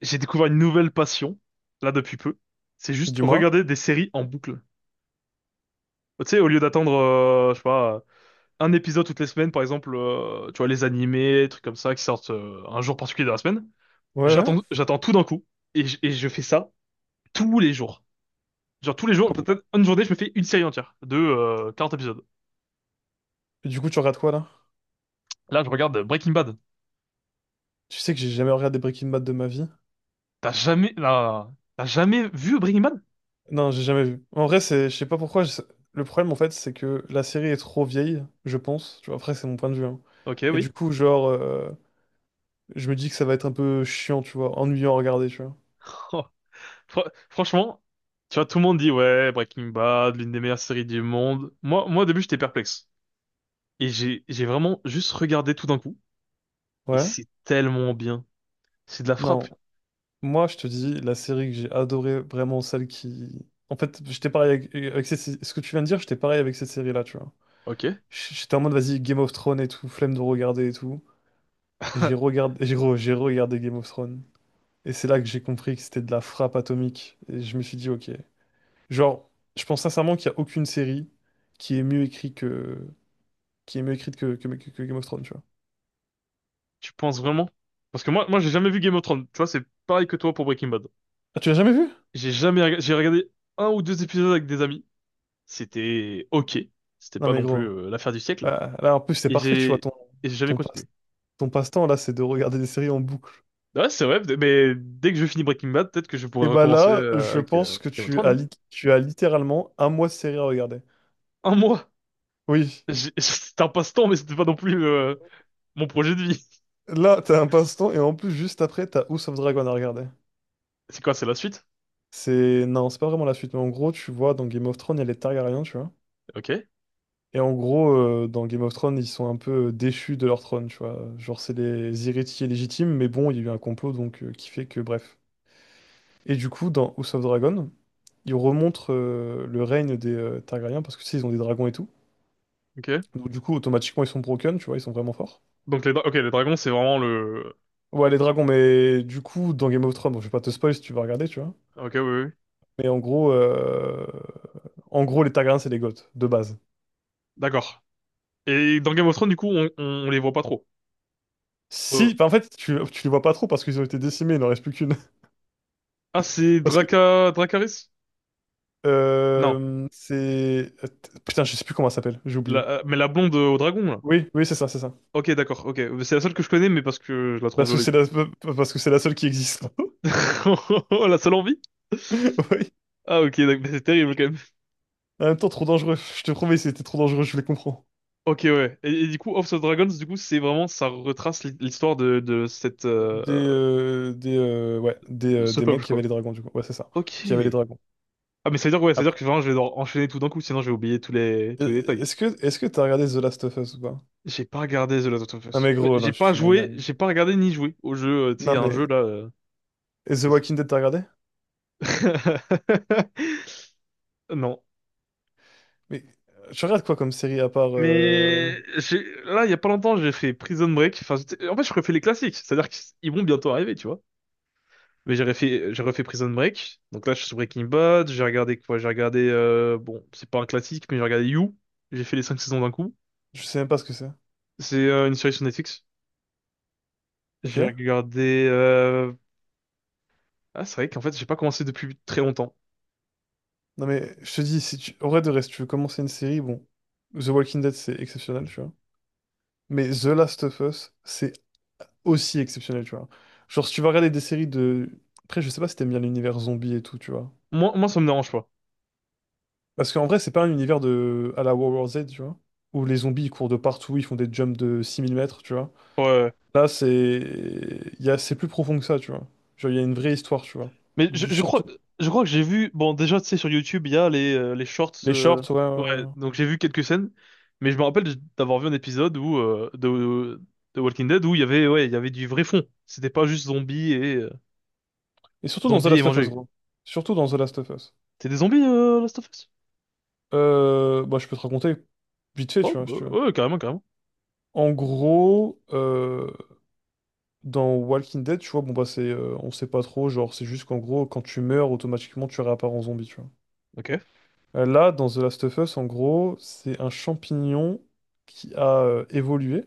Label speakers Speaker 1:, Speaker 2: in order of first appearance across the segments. Speaker 1: J'ai découvert une nouvelle passion, là, depuis peu. C'est juste
Speaker 2: Dis-moi.
Speaker 1: regarder des séries en boucle. Tu sais, au lieu d'attendre, je sais pas, un épisode toutes les semaines, par exemple, tu vois, les animés, trucs comme ça, qui sortent un jour particulier de la semaine,
Speaker 2: Ouais, ouais.
Speaker 1: j'attends tout d'un coup. Et je fais ça tous les jours. Genre tous les jours,
Speaker 2: Comme-
Speaker 1: peut-être une journée, je me fais une série entière de 40 épisodes.
Speaker 2: Et du coup, tu regardes quoi là?
Speaker 1: Là, je regarde Breaking Bad.
Speaker 2: Tu sais que j'ai jamais regardé Breaking Bad de ma vie.
Speaker 1: T'as jamais, là, t'as jamais vu Breaking Bad?
Speaker 2: Non, j'ai jamais vu. En vrai, c'est, je sais pas pourquoi. Le problème, en fait, c'est que la série est trop vieille, je pense. Tu vois, après, c'est mon point de vue, hein.
Speaker 1: Ok,
Speaker 2: Et du
Speaker 1: oui.
Speaker 2: coup, genre, je me dis que ça va être un peu chiant, tu vois, ennuyant à regarder, tu vois.
Speaker 1: Franchement, tu vois, tout le monde dit, ouais, Breaking Bad, l'une des meilleures séries du monde. Moi, au début, j'étais perplexe. Et j'ai vraiment juste regardé tout d'un coup. Et
Speaker 2: Ouais.
Speaker 1: c'est tellement bien. C'est de la frappe.
Speaker 2: Non. Moi, je te dis, la série que j'ai adorée, vraiment celle qui. En fait, j'étais pareil avec ce que tu viens de dire. J'étais pareil avec cette série-là, tu vois.
Speaker 1: Ok.
Speaker 2: J'étais en mode, vas-y, Game of Thrones et tout, flemme de regarder et tout. J'ai regardé Game of Thrones. Et c'est là que j'ai compris que c'était de la frappe atomique. Et je me suis dit, OK. Genre, je pense sincèrement qu'il n'y a aucune série qui est mieux écrite que, qui est mieux écrite que Game of Thrones, tu vois.
Speaker 1: Tu penses vraiment? Parce que moi, j'ai jamais vu Game of Thrones. Tu vois, c'est pareil que toi pour Breaking Bad.
Speaker 2: Ah, tu l'as jamais vu?
Speaker 1: J'ai jamais, rega- J'ai regardé un ou deux épisodes avec des amis. C'était ok. C'était
Speaker 2: Non,
Speaker 1: pas
Speaker 2: mais
Speaker 1: non plus
Speaker 2: gros.
Speaker 1: l'affaire du siècle.
Speaker 2: Ah, là, en plus, c'est
Speaker 1: Et
Speaker 2: parfait, tu vois.
Speaker 1: j'ai, et j'ai jamais
Speaker 2: Ton passe,
Speaker 1: continué.
Speaker 2: ton passe-temps, là, c'est de regarder des séries en boucle.
Speaker 1: Ouais, c'est vrai. Mais dès que je finis Breaking Bad, peut-être que je pourrais
Speaker 2: Et bah
Speaker 1: recommencer
Speaker 2: là, je
Speaker 1: avec
Speaker 2: pense que
Speaker 1: Game of
Speaker 2: tu
Speaker 1: Thrones,
Speaker 2: as,
Speaker 1: hein.
Speaker 2: lit- tu as littéralement un mois de série à regarder.
Speaker 1: Un mois.
Speaker 2: Oui.
Speaker 1: J'ai- C'était un passe-temps, mais c'était pas non plus mon projet de vie.
Speaker 2: Là, t'as un passe-temps et en plus, juste après, t'as House of Dragon à regarder.
Speaker 1: C'est quoi, c'est la suite?
Speaker 2: Non, c'est pas vraiment la suite, mais en gros, tu vois, dans Game of Thrones, il y a les Targaryens, tu vois.
Speaker 1: Ok,
Speaker 2: Et en gros, dans Game of Thrones, ils sont un peu déchus de leur trône, tu vois. Genre, c'est les héritiers légitimes, mais bon, il y a eu un complot, donc qui fait que, bref. Et du coup, dans House of Dragon, ils remontrent le règne des Targaryens, parce que tu sais, ils ont des dragons et tout.
Speaker 1: ok.
Speaker 2: Donc, du coup, automatiquement, ils sont broken, tu vois, ils sont vraiment forts.
Speaker 1: Donc ok, les dragons, c'est vraiment le…
Speaker 2: Ouais, les dragons, mais du coup, dans Game of Thrones, bon, je vais pas te spoil si tu vas regarder, tu vois.
Speaker 1: Ok, oui, oui, oui.
Speaker 2: Mais en gros, les Targaryens, c'est des Goths, de base.
Speaker 1: D'accord. Et dans Game of Thrones, du coup, on les voit pas trop.
Speaker 2: Si,
Speaker 1: Euh,
Speaker 2: enfin, en fait, tu les vois pas trop parce qu'ils ont été décimés, il n'en reste plus qu'une.
Speaker 1: Ah, c'est
Speaker 2: Parce que,
Speaker 1: Draca… Dracarys? Non.
Speaker 2: euh, c'est... Putain, je sais plus comment elle s'appelle, j'ai oublié.
Speaker 1: Mais la blonde au dragon, là.
Speaker 2: Oui, oui, c'est ça, c'est ça.
Speaker 1: Ok, d'accord, ok. C'est la seule que je connais, mais parce que je la trouve
Speaker 2: Parce que
Speaker 1: jolie,
Speaker 2: c'est
Speaker 1: quoi.
Speaker 2: la, parce que c'est la seule qui existe.
Speaker 1: La seule envie?
Speaker 2: Oui.
Speaker 1: Ah, ok, donc- mais c'est terrible, quand même.
Speaker 2: En même temps, trop dangereux. Je te promets, c'était trop dangereux, je les comprends.
Speaker 1: Ok, ouais. Et du coup, House of Dragons, du coup, c'est vraiment… Ça retrace l'histoire de cette…
Speaker 2: Des, euh, des, euh, ouais, des, euh,
Speaker 1: ce
Speaker 2: des mecs
Speaker 1: peuple,
Speaker 2: qui avaient
Speaker 1: quoi.
Speaker 2: les dragons, du coup. Ouais, c'est ça.
Speaker 1: Ok.
Speaker 2: Qui avaient les dragons.
Speaker 1: Ah, mais ça veut dire, ouais, ça veut
Speaker 2: Après.
Speaker 1: dire que vraiment, je vais devoir enchaîner tout d'un coup, sinon je vais oublier tous tous les
Speaker 2: Euh,
Speaker 1: détails.
Speaker 2: Est-ce que, est-ce que t'as regardé The Last of Us ou pas?
Speaker 1: J'ai pas regardé The Last of
Speaker 2: Non,
Speaker 1: Us.
Speaker 2: mais
Speaker 1: Mais
Speaker 2: gros,
Speaker 1: j'ai
Speaker 2: non, tu te
Speaker 1: pas
Speaker 2: fous de ma
Speaker 1: joué,
Speaker 2: gueule.
Speaker 1: j'ai pas regardé ni joué au jeu, tu sais, il y
Speaker 2: Non,
Speaker 1: a un
Speaker 2: mais,
Speaker 1: jeu, là,
Speaker 2: et The
Speaker 1: qui est sorti.
Speaker 2: Walking Dead, t'as regardé?
Speaker 1: Non.
Speaker 2: Mais, tu regardes quoi comme série à part?
Speaker 1: Mais j'ai, là, il y a pas longtemps, j'ai fait Prison Break. Enfin, en fait, je refais les classiques. C'est-à-dire qu'ils vont bientôt arriver, tu vois. Mais j'ai refait Prison Break. Donc là, je suis sur Breaking Bad. J'ai regardé quoi? J'ai regardé, bon, c'est pas un classique, mais j'ai regardé You. J'ai fait les cinq saisons d'un coup.
Speaker 2: Je sais même pas ce que c'est.
Speaker 1: C'est une série sur Netflix. J'ai
Speaker 2: OK?
Speaker 1: regardé, ah, c'est vrai qu'en fait, j'ai pas commencé depuis très longtemps.
Speaker 2: Non mais je te dis, si tu, en vrai de reste, tu veux commencer une série, bon, The Walking Dead c'est exceptionnel, tu vois. Mais The Last of Us, c'est aussi exceptionnel, tu vois. Genre si tu vas regarder des séries de. Après je sais pas si t'aimes bien l'univers zombie et tout, tu vois.
Speaker 1: Moi, moi, ça me dérange pas.
Speaker 2: Parce qu'en vrai c'est pas un univers de, à la World War Z, tu vois. Où les zombies ils courent de partout, ils font des jumps de 6 000 mètres, tu vois.
Speaker 1: Ouais, ouais.
Speaker 2: Là c'est... il Y a... C'est plus profond que ça, tu vois. Genre il y a une vraie histoire, tu vois.
Speaker 1: Mais
Speaker 2: Surtout.
Speaker 1: je crois que j'ai vu, bon, déjà, tu sais, sur YouTube, il y a les shorts,
Speaker 2: Les shorts, ouais.
Speaker 1: ouais.
Speaker 2: Ouais, ouais.
Speaker 1: Donc j'ai vu quelques scènes, mais je me rappelle d'avoir vu un épisode où de Walking Dead où il y avait, ouais, il y avait du vrai fond. C'était pas juste zombies et
Speaker 2: Et surtout dans The
Speaker 1: zombies et
Speaker 2: Last of Us,
Speaker 1: manger.
Speaker 2: gros. Surtout dans The Last of Us.
Speaker 1: C'est des zombies, Last of Us?
Speaker 2: Bah, je peux te raconter vite fait, tu
Speaker 1: Oh,
Speaker 2: vois, si
Speaker 1: bah,
Speaker 2: tu veux.
Speaker 1: ouais, carrément, carrément.
Speaker 2: En gros, dans Walking Dead, tu vois, bon bah c'est, on sait pas trop, genre c'est juste qu'en gros, quand tu meurs, automatiquement tu réapparais en zombie, tu vois.
Speaker 1: Ok.
Speaker 2: Là, dans The Last of Us, en gros, c'est un champignon qui a évolué.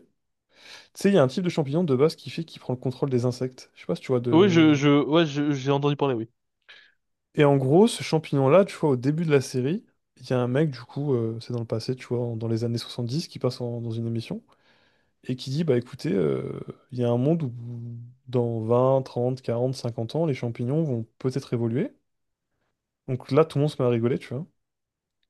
Speaker 2: Tu sais, il y a un type de champignon de base qui fait qu'il prend le contrôle des insectes. Je sais pas si tu vois
Speaker 1: Oui,
Speaker 2: de.
Speaker 1: ouais, j'ai entendu parler, oui.
Speaker 2: Et en gros, ce champignon-là, tu vois, au début de la série, il y a un mec, du coup, c'est dans le passé, tu vois, dans les années 70 qui passe dans une émission. Et qui dit, bah écoutez, il y a un monde où dans 20, 30, 40, 50 ans, les champignons vont peut-être évoluer. Donc là, tout le monde se met à rigoler, tu vois.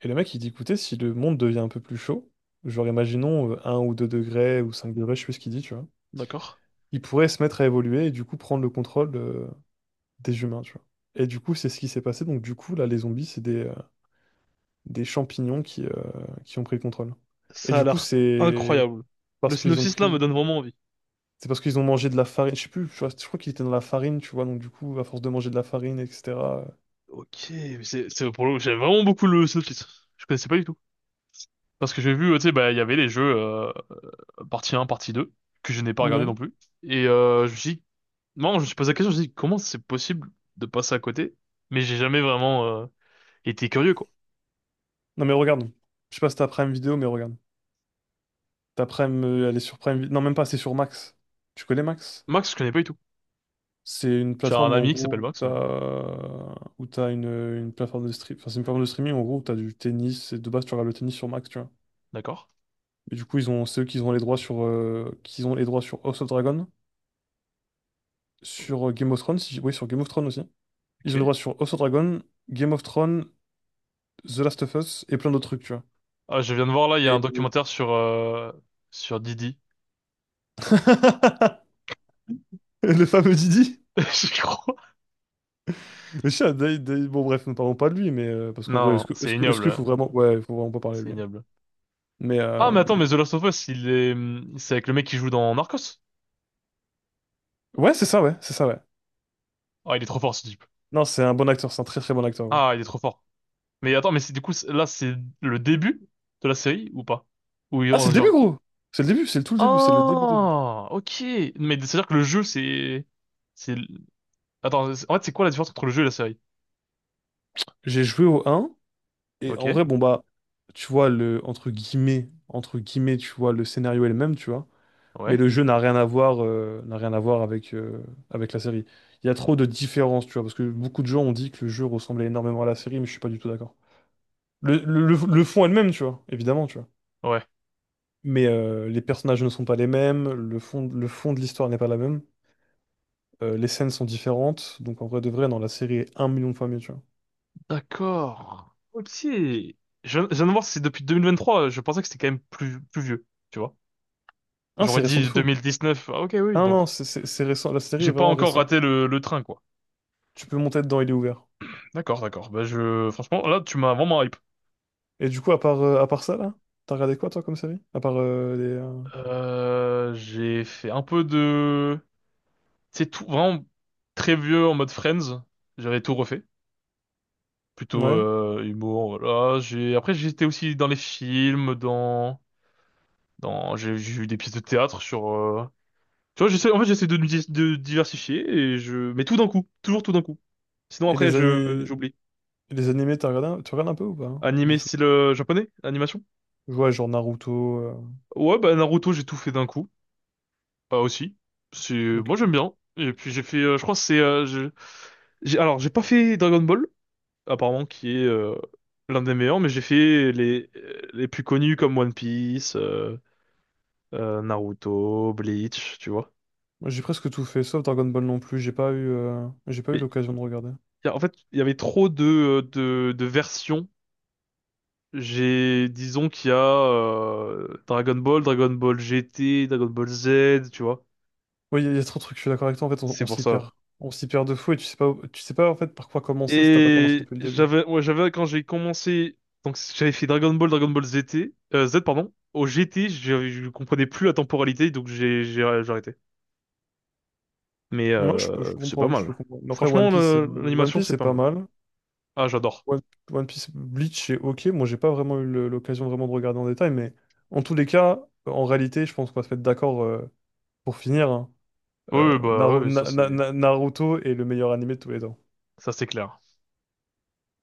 Speaker 2: Et le mec, il dit, écoutez, si le monde devient un peu plus chaud, genre imaginons 1 ou 2 degrés ou 5 degrés, je sais plus ce qu'il dit, tu vois,
Speaker 1: D'accord.
Speaker 2: il pourrait se mettre à évoluer et du coup prendre le contrôle des humains, tu vois. Et du coup, c'est ce qui s'est passé. Donc du coup, là, les zombies, c'est des champignons qui ont pris le contrôle. Et
Speaker 1: Ça a
Speaker 2: du coup,
Speaker 1: l'air
Speaker 2: c'est
Speaker 1: incroyable. Le
Speaker 2: parce qu'ils ont
Speaker 1: synopsis là me
Speaker 2: pris
Speaker 1: donne vraiment envie.
Speaker 2: C'est parce qu'ils ont mangé de la farine. Je sais plus, je crois qu'ils étaient dans la farine, tu vois. Donc, du coup, à force de manger de la farine, etc. euh,
Speaker 1: Ok, mais c'est pour le j'aime vraiment beaucoup le synopsis. Je connaissais pas du tout parce que j'ai vu tu sais bah il y avait les jeux partie un partie 2 que je n'ai pas regardé non
Speaker 2: Ouais.
Speaker 1: plus et je me suis non, je me suis posé la question, je me suis dit comment c'est possible de passer à côté mais j'ai jamais vraiment été curieux quoi.
Speaker 2: Non, mais regarde. Je sais pas si t'as Prime Vidéo, mais regarde. Ta Prime, elle est sur Prime Vi-, non, même pas, c'est sur Max. Tu connais Max?
Speaker 1: Max, je connais pas du tout.
Speaker 2: C'est une
Speaker 1: J'ai un
Speaker 2: plateforme, en
Speaker 1: ami qui s'appelle
Speaker 2: gros, où
Speaker 1: Max mais
Speaker 2: t'as où t'as une plateforme de stream. Enfin, c'est une plateforme de streaming, en gros, où t'as du tennis. Et de base, tu regardes le tennis sur Max, tu vois.
Speaker 1: d'accord.
Speaker 2: Et du coup, ils ont ceux qui ont les droits sur, House of Dragon, sur Game of Thrones, oui, sur Game of Thrones aussi. Ils ont les
Speaker 1: OK.
Speaker 2: droits sur House of Dragon, Game of Thrones, The Last of Us et plein d'autres trucs, tu vois.
Speaker 1: Ah, je viens de voir là, il y a un
Speaker 2: Et-
Speaker 1: documentaire sur sur Didi.
Speaker 2: Le fameux Didi.
Speaker 1: Je crois.
Speaker 2: Le chat, bon, bref, ne parlons pas de lui, mais parce qu'en vrai,
Speaker 1: Non, non,
Speaker 2: est-ce que,
Speaker 1: c'est
Speaker 2: est-ce que- est-ce
Speaker 1: ignoble,
Speaker 2: qu'il faut vraiment. Ouais, il faut vraiment pas parler de
Speaker 1: c'est
Speaker 2: lui.
Speaker 1: ignoble.
Speaker 2: Mais
Speaker 1: Ah, mais attends, mais The Last of Us, il est, c'est avec le mec qui joue dans Narcos?
Speaker 2: ouais, c'est ça, ouais, c'est ça, ouais.
Speaker 1: Ah, il est trop fort, ce type.
Speaker 2: Non, c'est un bon acteur, c'est un très très bon acteur, hein.
Speaker 1: Ah, il est trop fort. Mais attends, mais c'est du coup, là, c'est le début de la série ou pas? Où ils
Speaker 2: Ah, c'est
Speaker 1: ont
Speaker 2: le début,
Speaker 1: genre,
Speaker 2: gros! C'est le début, c'est le tout le début, c'est le début, début.
Speaker 1: ah, ok. Mais c'est-à-dire que le jeu, c'est, attends, en fait, c'est quoi la différence entre le jeu et la série?
Speaker 2: J'ai joué au un et
Speaker 1: Ok,
Speaker 2: en vrai, bon, bah, tu vois, le, entre guillemets, tu vois, le scénario est le même, tu vois. Mais
Speaker 1: ouais,
Speaker 2: le jeu n'a rien à voir, n'a rien à voir avec la série. Il y a trop de différences, tu vois, parce que beaucoup de gens ont dit que le jeu ressemblait énormément à la série, mais je suis pas du tout d'accord. Le fond est le même, tu vois, évidemment, tu vois.
Speaker 1: ouais.
Speaker 2: Mais les personnages ne sont pas les mêmes, le fond de l'histoire n'est pas la même, les scènes sont différentes, donc en vrai de vrai, dans la série est un million de fois mieux, tu vois.
Speaker 1: D'accord. Ok. Je viens de voir, c'est depuis 2023. Je pensais que c'était quand même plus, plus vieux, tu vois.
Speaker 2: Hein,
Speaker 1: J'aurais
Speaker 2: c'est récent de
Speaker 1: dit
Speaker 2: fou.
Speaker 1: 2019. Ah, ok, oui.
Speaker 2: Ah non,
Speaker 1: Donc,
Speaker 2: non, c'est récent, la série
Speaker 1: j'ai
Speaker 2: est
Speaker 1: pas
Speaker 2: vraiment
Speaker 1: encore
Speaker 2: récente.
Speaker 1: raté le train, quoi.
Speaker 2: Tu peux monter dedans, il est ouvert.
Speaker 1: D'accord, d'accord. Bah je, franchement, là, tu m'as vraiment hype.
Speaker 2: Et du coup, à part ça, là, t'as regardé quoi, toi, comme série?
Speaker 1: J'ai fait un peu de, c'est tout vraiment très vieux en mode Friends. J'avais tout refait. Plutôt
Speaker 2: Ouais.
Speaker 1: humour, voilà. J'ai, après, j'étais aussi dans les films, j'ai eu des pièces de théâtre sur, tu vois, j'essaie, en fait, j'essaie de, de diversifier et je, mais tout d'un coup, toujours tout d'un coup. Sinon
Speaker 2: Et
Speaker 1: après,
Speaker 2: les années.
Speaker 1: j'oublie.
Speaker 2: Les animés, tu regardes un peu ou pas, hein? Du
Speaker 1: Animé
Speaker 2: tout.
Speaker 1: style japonais, animation.
Speaker 2: Ouais, genre Naruto.
Speaker 1: Ouais, bah Naruto, j'ai tout fait d'un coup. Bah aussi. C'est moi
Speaker 2: OK.
Speaker 1: j'aime bien. Et puis j'ai fait je crois que c'est j'ai alors j'ai pas fait Dragon Ball apparemment qui est l'un des meilleurs mais j'ai fait les plus connus comme One Piece, Naruto, Bleach, tu vois.
Speaker 2: Moi, j'ai presque tout fait, sauf Dragon Ball non plus. J'ai pas eu
Speaker 1: Mais
Speaker 2: l'occasion de regarder.
Speaker 1: en fait, il y avait trop de de versions. J'ai disons qu'il y a Dragon Ball, Dragon Ball GT, Dragon Ball Z, tu vois.
Speaker 2: Oui, il y a trop de trucs. Je suis d'accord avec toi. En fait, on,
Speaker 1: C'est
Speaker 2: on
Speaker 1: pour
Speaker 2: s'y
Speaker 1: ça.
Speaker 2: perd. On s'y perd de fou et tu sais pas en fait par quoi commencer si t'as pas commencé
Speaker 1: Et
Speaker 2: depuis le début.
Speaker 1: ouais, j'avais quand j'ai commencé, donc j'avais fait Dragon Ball, Dragon Ball Z Z, pardon. Au GT, je comprenais plus la temporalité, donc j'ai arrêté. Mais
Speaker 2: Moi, je peux, je peux
Speaker 1: c'est pas
Speaker 2: comprendre, je peux
Speaker 1: mal.
Speaker 2: comprendre. Mais après, One
Speaker 1: Franchement,
Speaker 2: Piece, c'est, euh, One
Speaker 1: l'animation,
Speaker 2: Piece,
Speaker 1: c'est
Speaker 2: c'est
Speaker 1: pas
Speaker 2: pas
Speaker 1: mal.
Speaker 2: mal.
Speaker 1: Ah, j'adore.
Speaker 2: One, One Piece, Bleach, c'est OK. Moi, j'ai pas vraiment eu l'occasion vraiment de regarder en détail, mais en tous les cas, en réalité, je pense qu'on va se mettre d'accord pour finir, hein.
Speaker 1: Oui,
Speaker 2: euh,
Speaker 1: oui, bah
Speaker 2: Naru-
Speaker 1: oui,
Speaker 2: Na- Na- Na- Naruto est le meilleur animé de tous les temps.
Speaker 1: ça c'est clair.